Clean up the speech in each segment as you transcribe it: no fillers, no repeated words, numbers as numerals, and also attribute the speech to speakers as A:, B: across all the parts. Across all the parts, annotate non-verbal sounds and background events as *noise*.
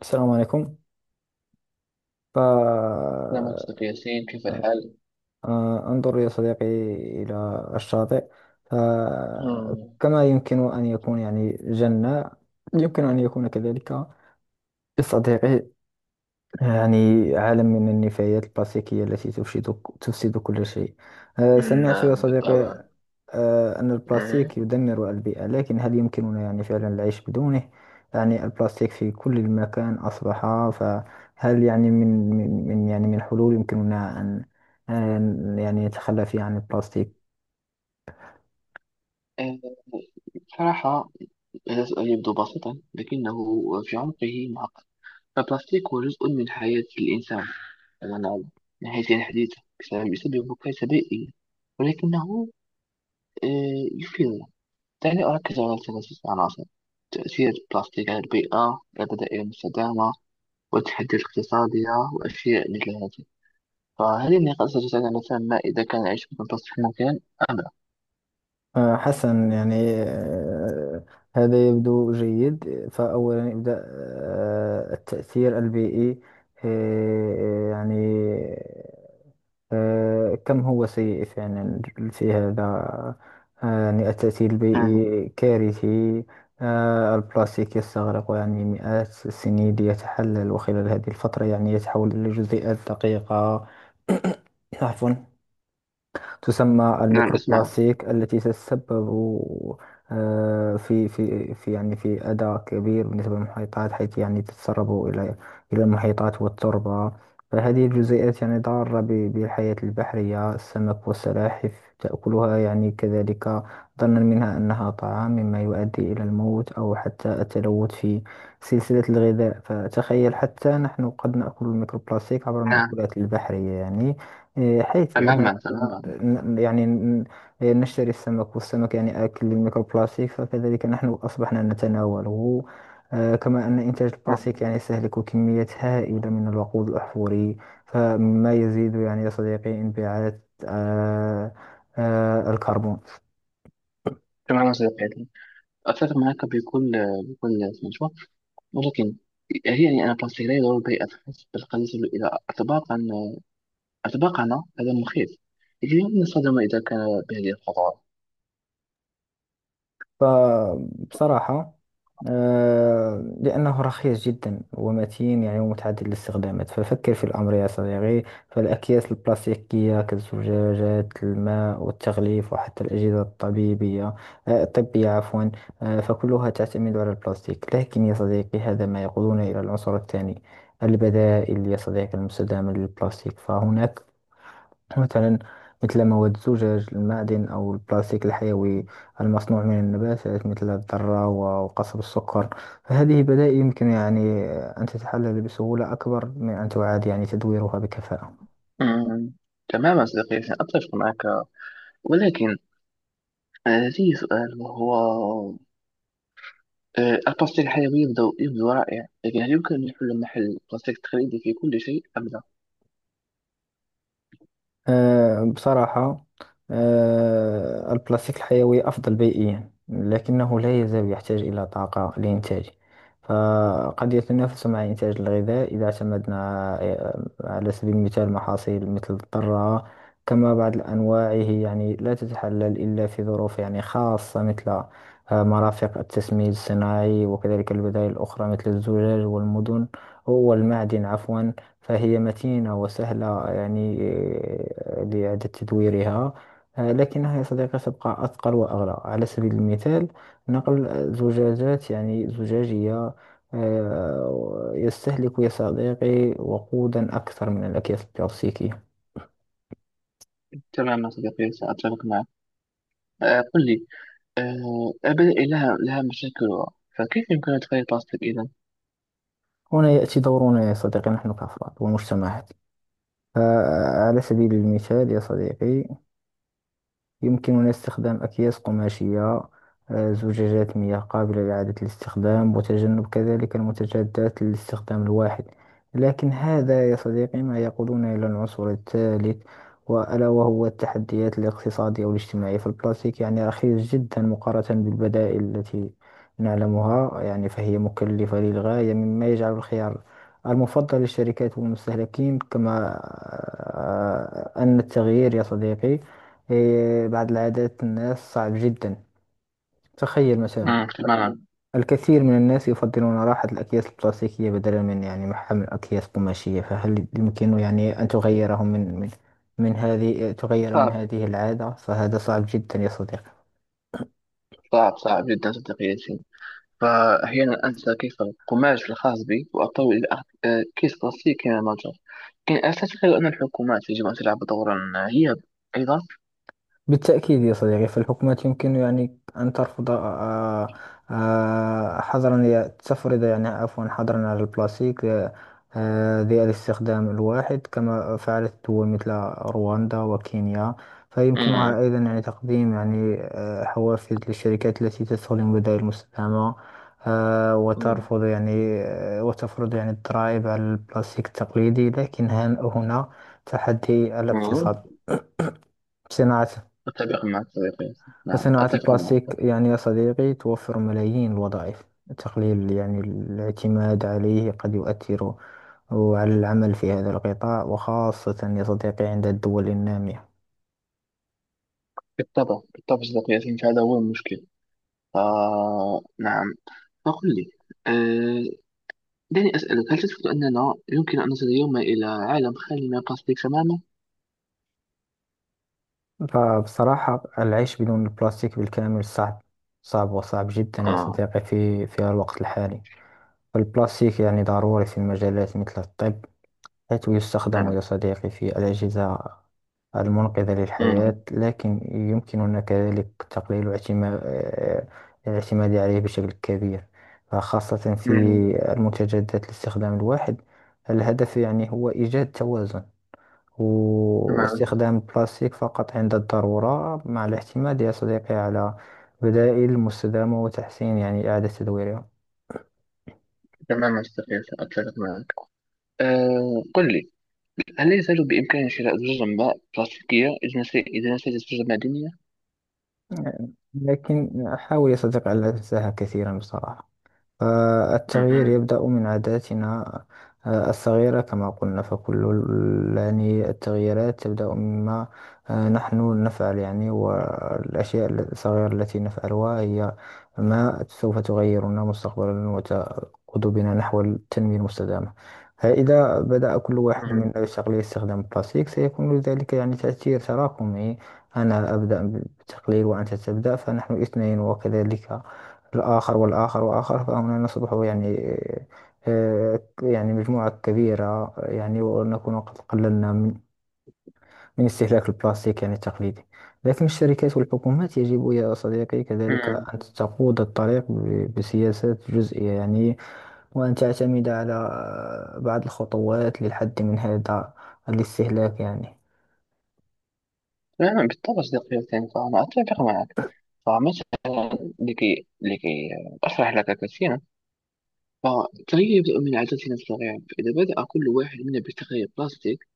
A: السلام عليكم.
B: كده منطق ياسين، كيف
A: فأنظر
B: الحال؟
A: يا صديقي إلى الشاطئ،
B: مم.
A: فكما يمكن أن يكون يعني جنة، يمكن أن يكون كذلك لصديقي يعني عالم من النفايات الكلاسيكية التي تفسد كل شيء.
B: مم،
A: سمعت يا
B: نعم بالطبع.
A: صديقي أن البلاستيك
B: أه.
A: يدمر البيئة، لكن هل يمكننا يعني فعلا العيش بدونه؟ يعني البلاستيك في كل المكان أصبح. فهل يعني يعني من حلول يمكننا أن يعني نتخلى فيها عن البلاستيك.
B: آه، بصراحة هذا السؤال يبدو بسيطا، لكنه في عمقه معقد. البلاستيك هو جزء من حياة الإنسان كما نعلم، من حيث الحديثة بسبب يسبب كارثة بيئية، ولكنه يفيدنا. دعني أركز على ثلاثة عناصر: تأثير البلاستيك على البيئة، البدائل المستدامة، والتحديات الاقتصادية وأشياء مثل هذه. فهل النقاش يتساءل مثلا إذا كان العيش بدون تصريف ممكن أم لا؟
A: حسنا، يعني هذا يبدو جيد. فأولا يبدأ التأثير البيئي. آه، يعني كم هو سيء فعلا في هذا. يعني التأثير
B: أمم،
A: البيئي كارثي. البلاستيك يستغرق يعني مئات السنين ليتحلل، وخلال هذه الفترة يعني يتحول إلى جزيئات دقيقة. *coughs* عفوا. تسمى
B: نعم أسمعك.
A: الميكروبلاستيك التي تتسبب في يعني في أذى كبير بالنسبة للمحيطات، حيث يعني تتسرب إلى المحيطات والتربة. فهذه الجزيئات يعني ضارة بالحياة البحرية. السمك والسلاحف تأكلها يعني كذلك ظنا منها أنها طعام، مما يؤدي إلى الموت أو حتى التلوث في سلسلة الغذاء. فتخيل حتى نحن قد نأكل الميكروبلاستيك عبر
B: نعم،
A: المأكولات البحرية يعني. إيه، حيث أن
B: تماما تماما.
A: ن- يعني ن- نشتري السمك، والسمك يعني آكل للميكروبلاستيك، فكذلك نحن أصبحنا نتناوله. كما أن إنتاج
B: أمم،
A: البلاستيك يعني يستهلك كميات هائلة من الوقود الأحفوري، فما يزيد يعني يا صديقي انبعاث آه، الكربون.
B: تماما صديقي، أتفق معك بكل بكل سمجوة. ولكن هي يعني أنا بلاستيك لا يضر بأتحس بالقليل إلى أطباقا أطباقنا، هذا مخيف. لكن يمكن استخدامه إذا كان بهذه الخطوات.
A: فبصراحة لأنه رخيص جدا ومتين، يعني ومتعدد الاستخدامات. ففكر في الأمر يا صديقي، فالأكياس البلاستيكية كالزجاجات الماء والتغليف وحتى الأجهزة الطبيبية الطبية عفوا، فكلها تعتمد على البلاستيك. لكن يا صديقي هذا ما يقودنا إلى العنصر الثاني، البدائل يا صديقي المستدامة للبلاستيك. فهناك مثلا، مثل مواد الزجاج المعدن أو البلاستيك الحيوي المصنوع من النباتات مثل الذرة وقصب السكر. فهذه بدائل يمكن يعني أن تتحلل بسهولة أكبر من أن تعاد يعني تدويرها بكفاءة.
B: أمم، تماما صديقي، أتفق معك. ولكن لدي سؤال، وهو البلاستيك الحيوي يبدو رائع. لكن هل يمكن أن يحل محل البلاستيك التقليدي في كل شيء أبدا؟
A: بصراحة البلاستيك الحيوي أفضل بيئيا، لكنه لا يزال يحتاج إلى طاقة لإنتاجه. فقد يتنافس مع إنتاج الغذاء إذا اعتمدنا على سبيل المثال محاصيل مثل الذرة. كما بعض الأنواع هي يعني لا تتحلل إلا في ظروف يعني خاصة، مثل مرافق التسميد الصناعي. وكذلك البدائل الأخرى مثل الزجاج والمدن والمعدن عفوا، فهي متينة وسهلة يعني لإعادة تدويرها. لكنها يا صديقي تبقى أثقل وأغلى. على سبيل المثال، نقل زجاجات يعني زجاجية يستهلك يا صديقي وقودا أكثر من الأكياس البلاستيكية.
B: تماما صديقي، سأتفق معك. قل لي، البدائل لها مشاكلها، فكيف يمكن أن تغير البلاستيك إذا؟
A: هنا يأتي دورنا يا صديقي، نحن كأفراد ومجتمعات. على سبيل المثال يا صديقي، يمكننا استخدام أكياس قماشية، زجاجات مياه قابلة لإعادة الاستخدام، وتجنب كذلك المتجدات للاستخدام الواحد. لكن هذا يا صديقي ما يقودنا إلى العنصر الثالث، وألا وهو التحديات الاقتصادية والاجتماعية. فالبلاستيك يعني رخيص جدا مقارنة بالبدائل التي نعلمها يعني، فهي مكلفة للغاية، مما يجعل الخيار المفضل للشركات والمستهلكين. كما أن التغيير يا صديقي، إيه، بعض العادات الناس صعب جدا. تخيل مثلا،
B: مم، تماما.
A: الكثير من الناس يفضلون راحة الأكياس البلاستيكية بدلا من يعني محمل أكياس قماشية. فهل يمكن يعني أن تغيرهم من هذه، تغير من
B: صعب،
A: هذه العادة؟ فهذا صعب جدا يا صديقي.
B: صعب جدا صديقي ياسين. فأحيانا أنسى كيف القماش الخاص بي وأضطر إلى أخذ كيس بلاستيك كمتجر. لكن أعتقد أن الحكومات يجب أن تلعب دورا هي أيضا.
A: بالتأكيد يا صديقي، فالحكومات يمكن يعني أن ترفض آه، حظرا، تفرض يعني عفوا حظرا على البلاستيك ذي الاستخدام الواحد، كما فعلت دول مثل رواندا وكينيا.
B: مم.
A: فيمكنها أيضا يعني تقديم يعني حوافز للشركات التي تستخدم بدائل مستدامة،
B: مم.
A: وترفض يعني وتفرض يعني الضرائب على البلاستيك التقليدي. لكن هنا تحدي
B: مم.
A: الاقتصاد، صناعة.
B: أتفق معك صديقي ياسين، نعم
A: فصناعة
B: أتفق
A: البلاستيك
B: معك.
A: يعني يا صديقي توفر ملايين الوظائف، تقليل يعني الاعتماد عليه قد يؤثر على العمل في هذا القطاع، وخاصة يا صديقي عند الدول النامية.
B: بالطبع بالطبع صديقي ياسين، فهذا هو المشكل. آه نعم. فقل لي، آه، دعني أسألك، هل تثبت أننا يمكن أن نصل يوما إلى عالم خالي من البلاستيك تماما؟
A: فبصراحة العيش بدون البلاستيك بالكامل صعب. صعب وصعب جدا يا
B: آه
A: صديقي في الوقت الحالي. فالبلاستيك يعني ضروري في مجالات مثل الطب، حيث يستخدم
B: نعم.
A: يا صديقي في الأجهزة المنقذة للحياة.
B: مم.
A: لكن يمكننا كذلك تقليل الاعتماد عليه بشكل كبير، خاصة في
B: مم.
A: المنتجات ذات الاستخدام الواحد. الهدف يعني هو إيجاد توازن،
B: تماما.
A: واستخدام البلاستيك فقط عند الضرورة، مع الاعتماد يا صديقي على بدائل مستدامة وتحسين يعني إعادة تدويرها.
B: تماما صديقي ياسين، أتفق معك. آه قل لي، هل لا يزال بإمكاني شراء زجاج ماء بلاستيكية إذا نسيت إذا نسيت الزجاج المعدنية؟
A: لكن حاول يا صديقي ألا تنساها كثيرا بصراحة. التغيير
B: مم.
A: يبدأ من عاداتنا الصغيرة كما قلنا. فكل يعني التغييرات تبدأ مما نحن نفعل، يعني، والأشياء الصغيرة التي نفعلها هي ما سوف تغيرنا مستقبلا وتقود بنا نحو التنمية المستدامة. فإذا بدأ كل واحد
B: مم.
A: منا بتقليل استخدام البلاستيك، سيكون لذلك يعني تأثير تراكمي. أنا أبدأ بالتقليل وأنت تبدأ، فنحن اثنين، وكذلك الآخر والآخر وآخر، فهنا نصبح يعني يعني مجموعة كبيرة، يعني ونكون قد قللنا من استهلاك البلاستيك يعني التقليدي. لكن الشركات والحكومات يجب يا صديقي كذلك
B: مم.
A: أن تقود الطريق بسياسات جزئية يعني، وأن تعتمد على بعض الخطوات للحد من هذا الاستهلاك يعني.
B: نعم بالطبع صديقي ياسين، فأنا أتفق معك. فمثلا لكي أشرح لك كثيرا، فالتغيير يبدأ من عاداتنا الصغيرة. فإذا بدأ كل واحد منا بتغيير بلاستيك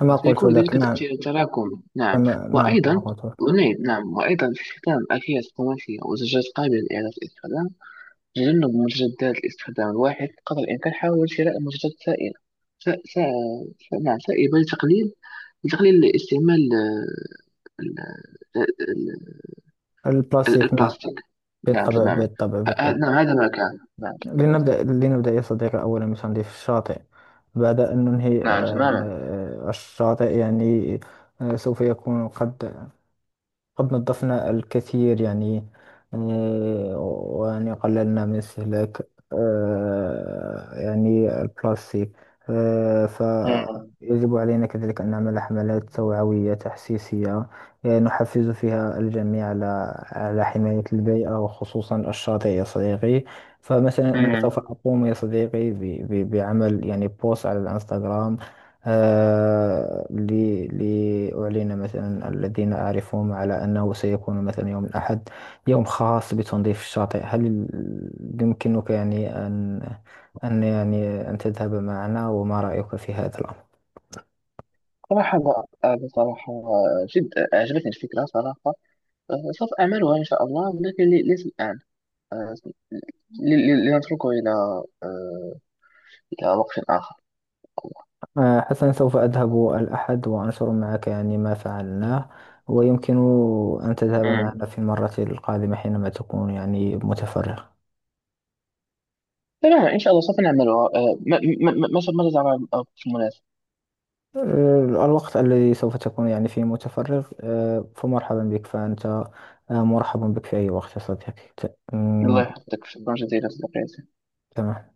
A: كما قلت
B: فسيكون ذلك
A: لك، نعم.
B: تأثير تراكمي. نعم.
A: كما، نعم، كما
B: وأيضا،
A: قلت لك.
B: ونعم، نعم وأيضا استخدام أكياس قماشية وزجاج قابلة لإعادة الاستخدام، تجنب مجدات الاستخدام الواحد قدر الإمكان. حاول شراء منتجات سائلة. س... س... نعم سائبة، لتقليل استعمال ال... ال...
A: البلاستيك، نعم.
B: البلاستيك. نعم
A: بالطبع،
B: تماما.
A: بالطبع، بالطبع.
B: نعم هذا ما كان. نعم تماما.
A: لنبدأ، لنبدأ يا صديقي أولا بتنظيف الشاطئ. بعد أن ننهي
B: نعم تماما.
A: الشاطئ يعني، سوف يكون قد نظفنا الكثير يعني، ويعني قللنا من استهلاك يعني البلاستيك. فيجب علينا كذلك أن نعمل حملات توعوية تحسيسية، نحفز فيها الجميع على حماية البيئة، وخصوصا الشاطئ يا صديقي. فمثلا أنا
B: مم.
A: سوف أقوم يا صديقي بعمل يعني بوست على الانستغرام. آه، لأعلن مثلا الذين أعرفهم على أنه سيكون مثلا يوم الأحد يوم خاص بتنظيف الشاطئ. هل يمكنك يعني أن يعني أن تذهب معنا، وما رأيك في هذا الأمر؟
B: صراحة لا. بصراحة جد أعجبتني الفكرة صراحة. سوف أعملها إن شاء الله، ولكن ليس الآن. آه، لنتركه إلى آه، إلى وقت آخر.
A: آه، حسنا، سوف أذهب الأحد وأنشر معك يعني ما فعلناه، ويمكن أن تذهب
B: مم.
A: معنا في المرة القادمة حينما تكون يعني متفرغ.
B: تمام إن شاء الله سوف نعملها. ماذا ترى في المناسب؟
A: الوقت الذي سوف تكون يعني فيه متفرغ، فمرحبا بك. فأنت مرحب بك في أي وقت يا صديقي.
B: الله يحفظك، شكرا جزيلا صديقي.
A: تمام.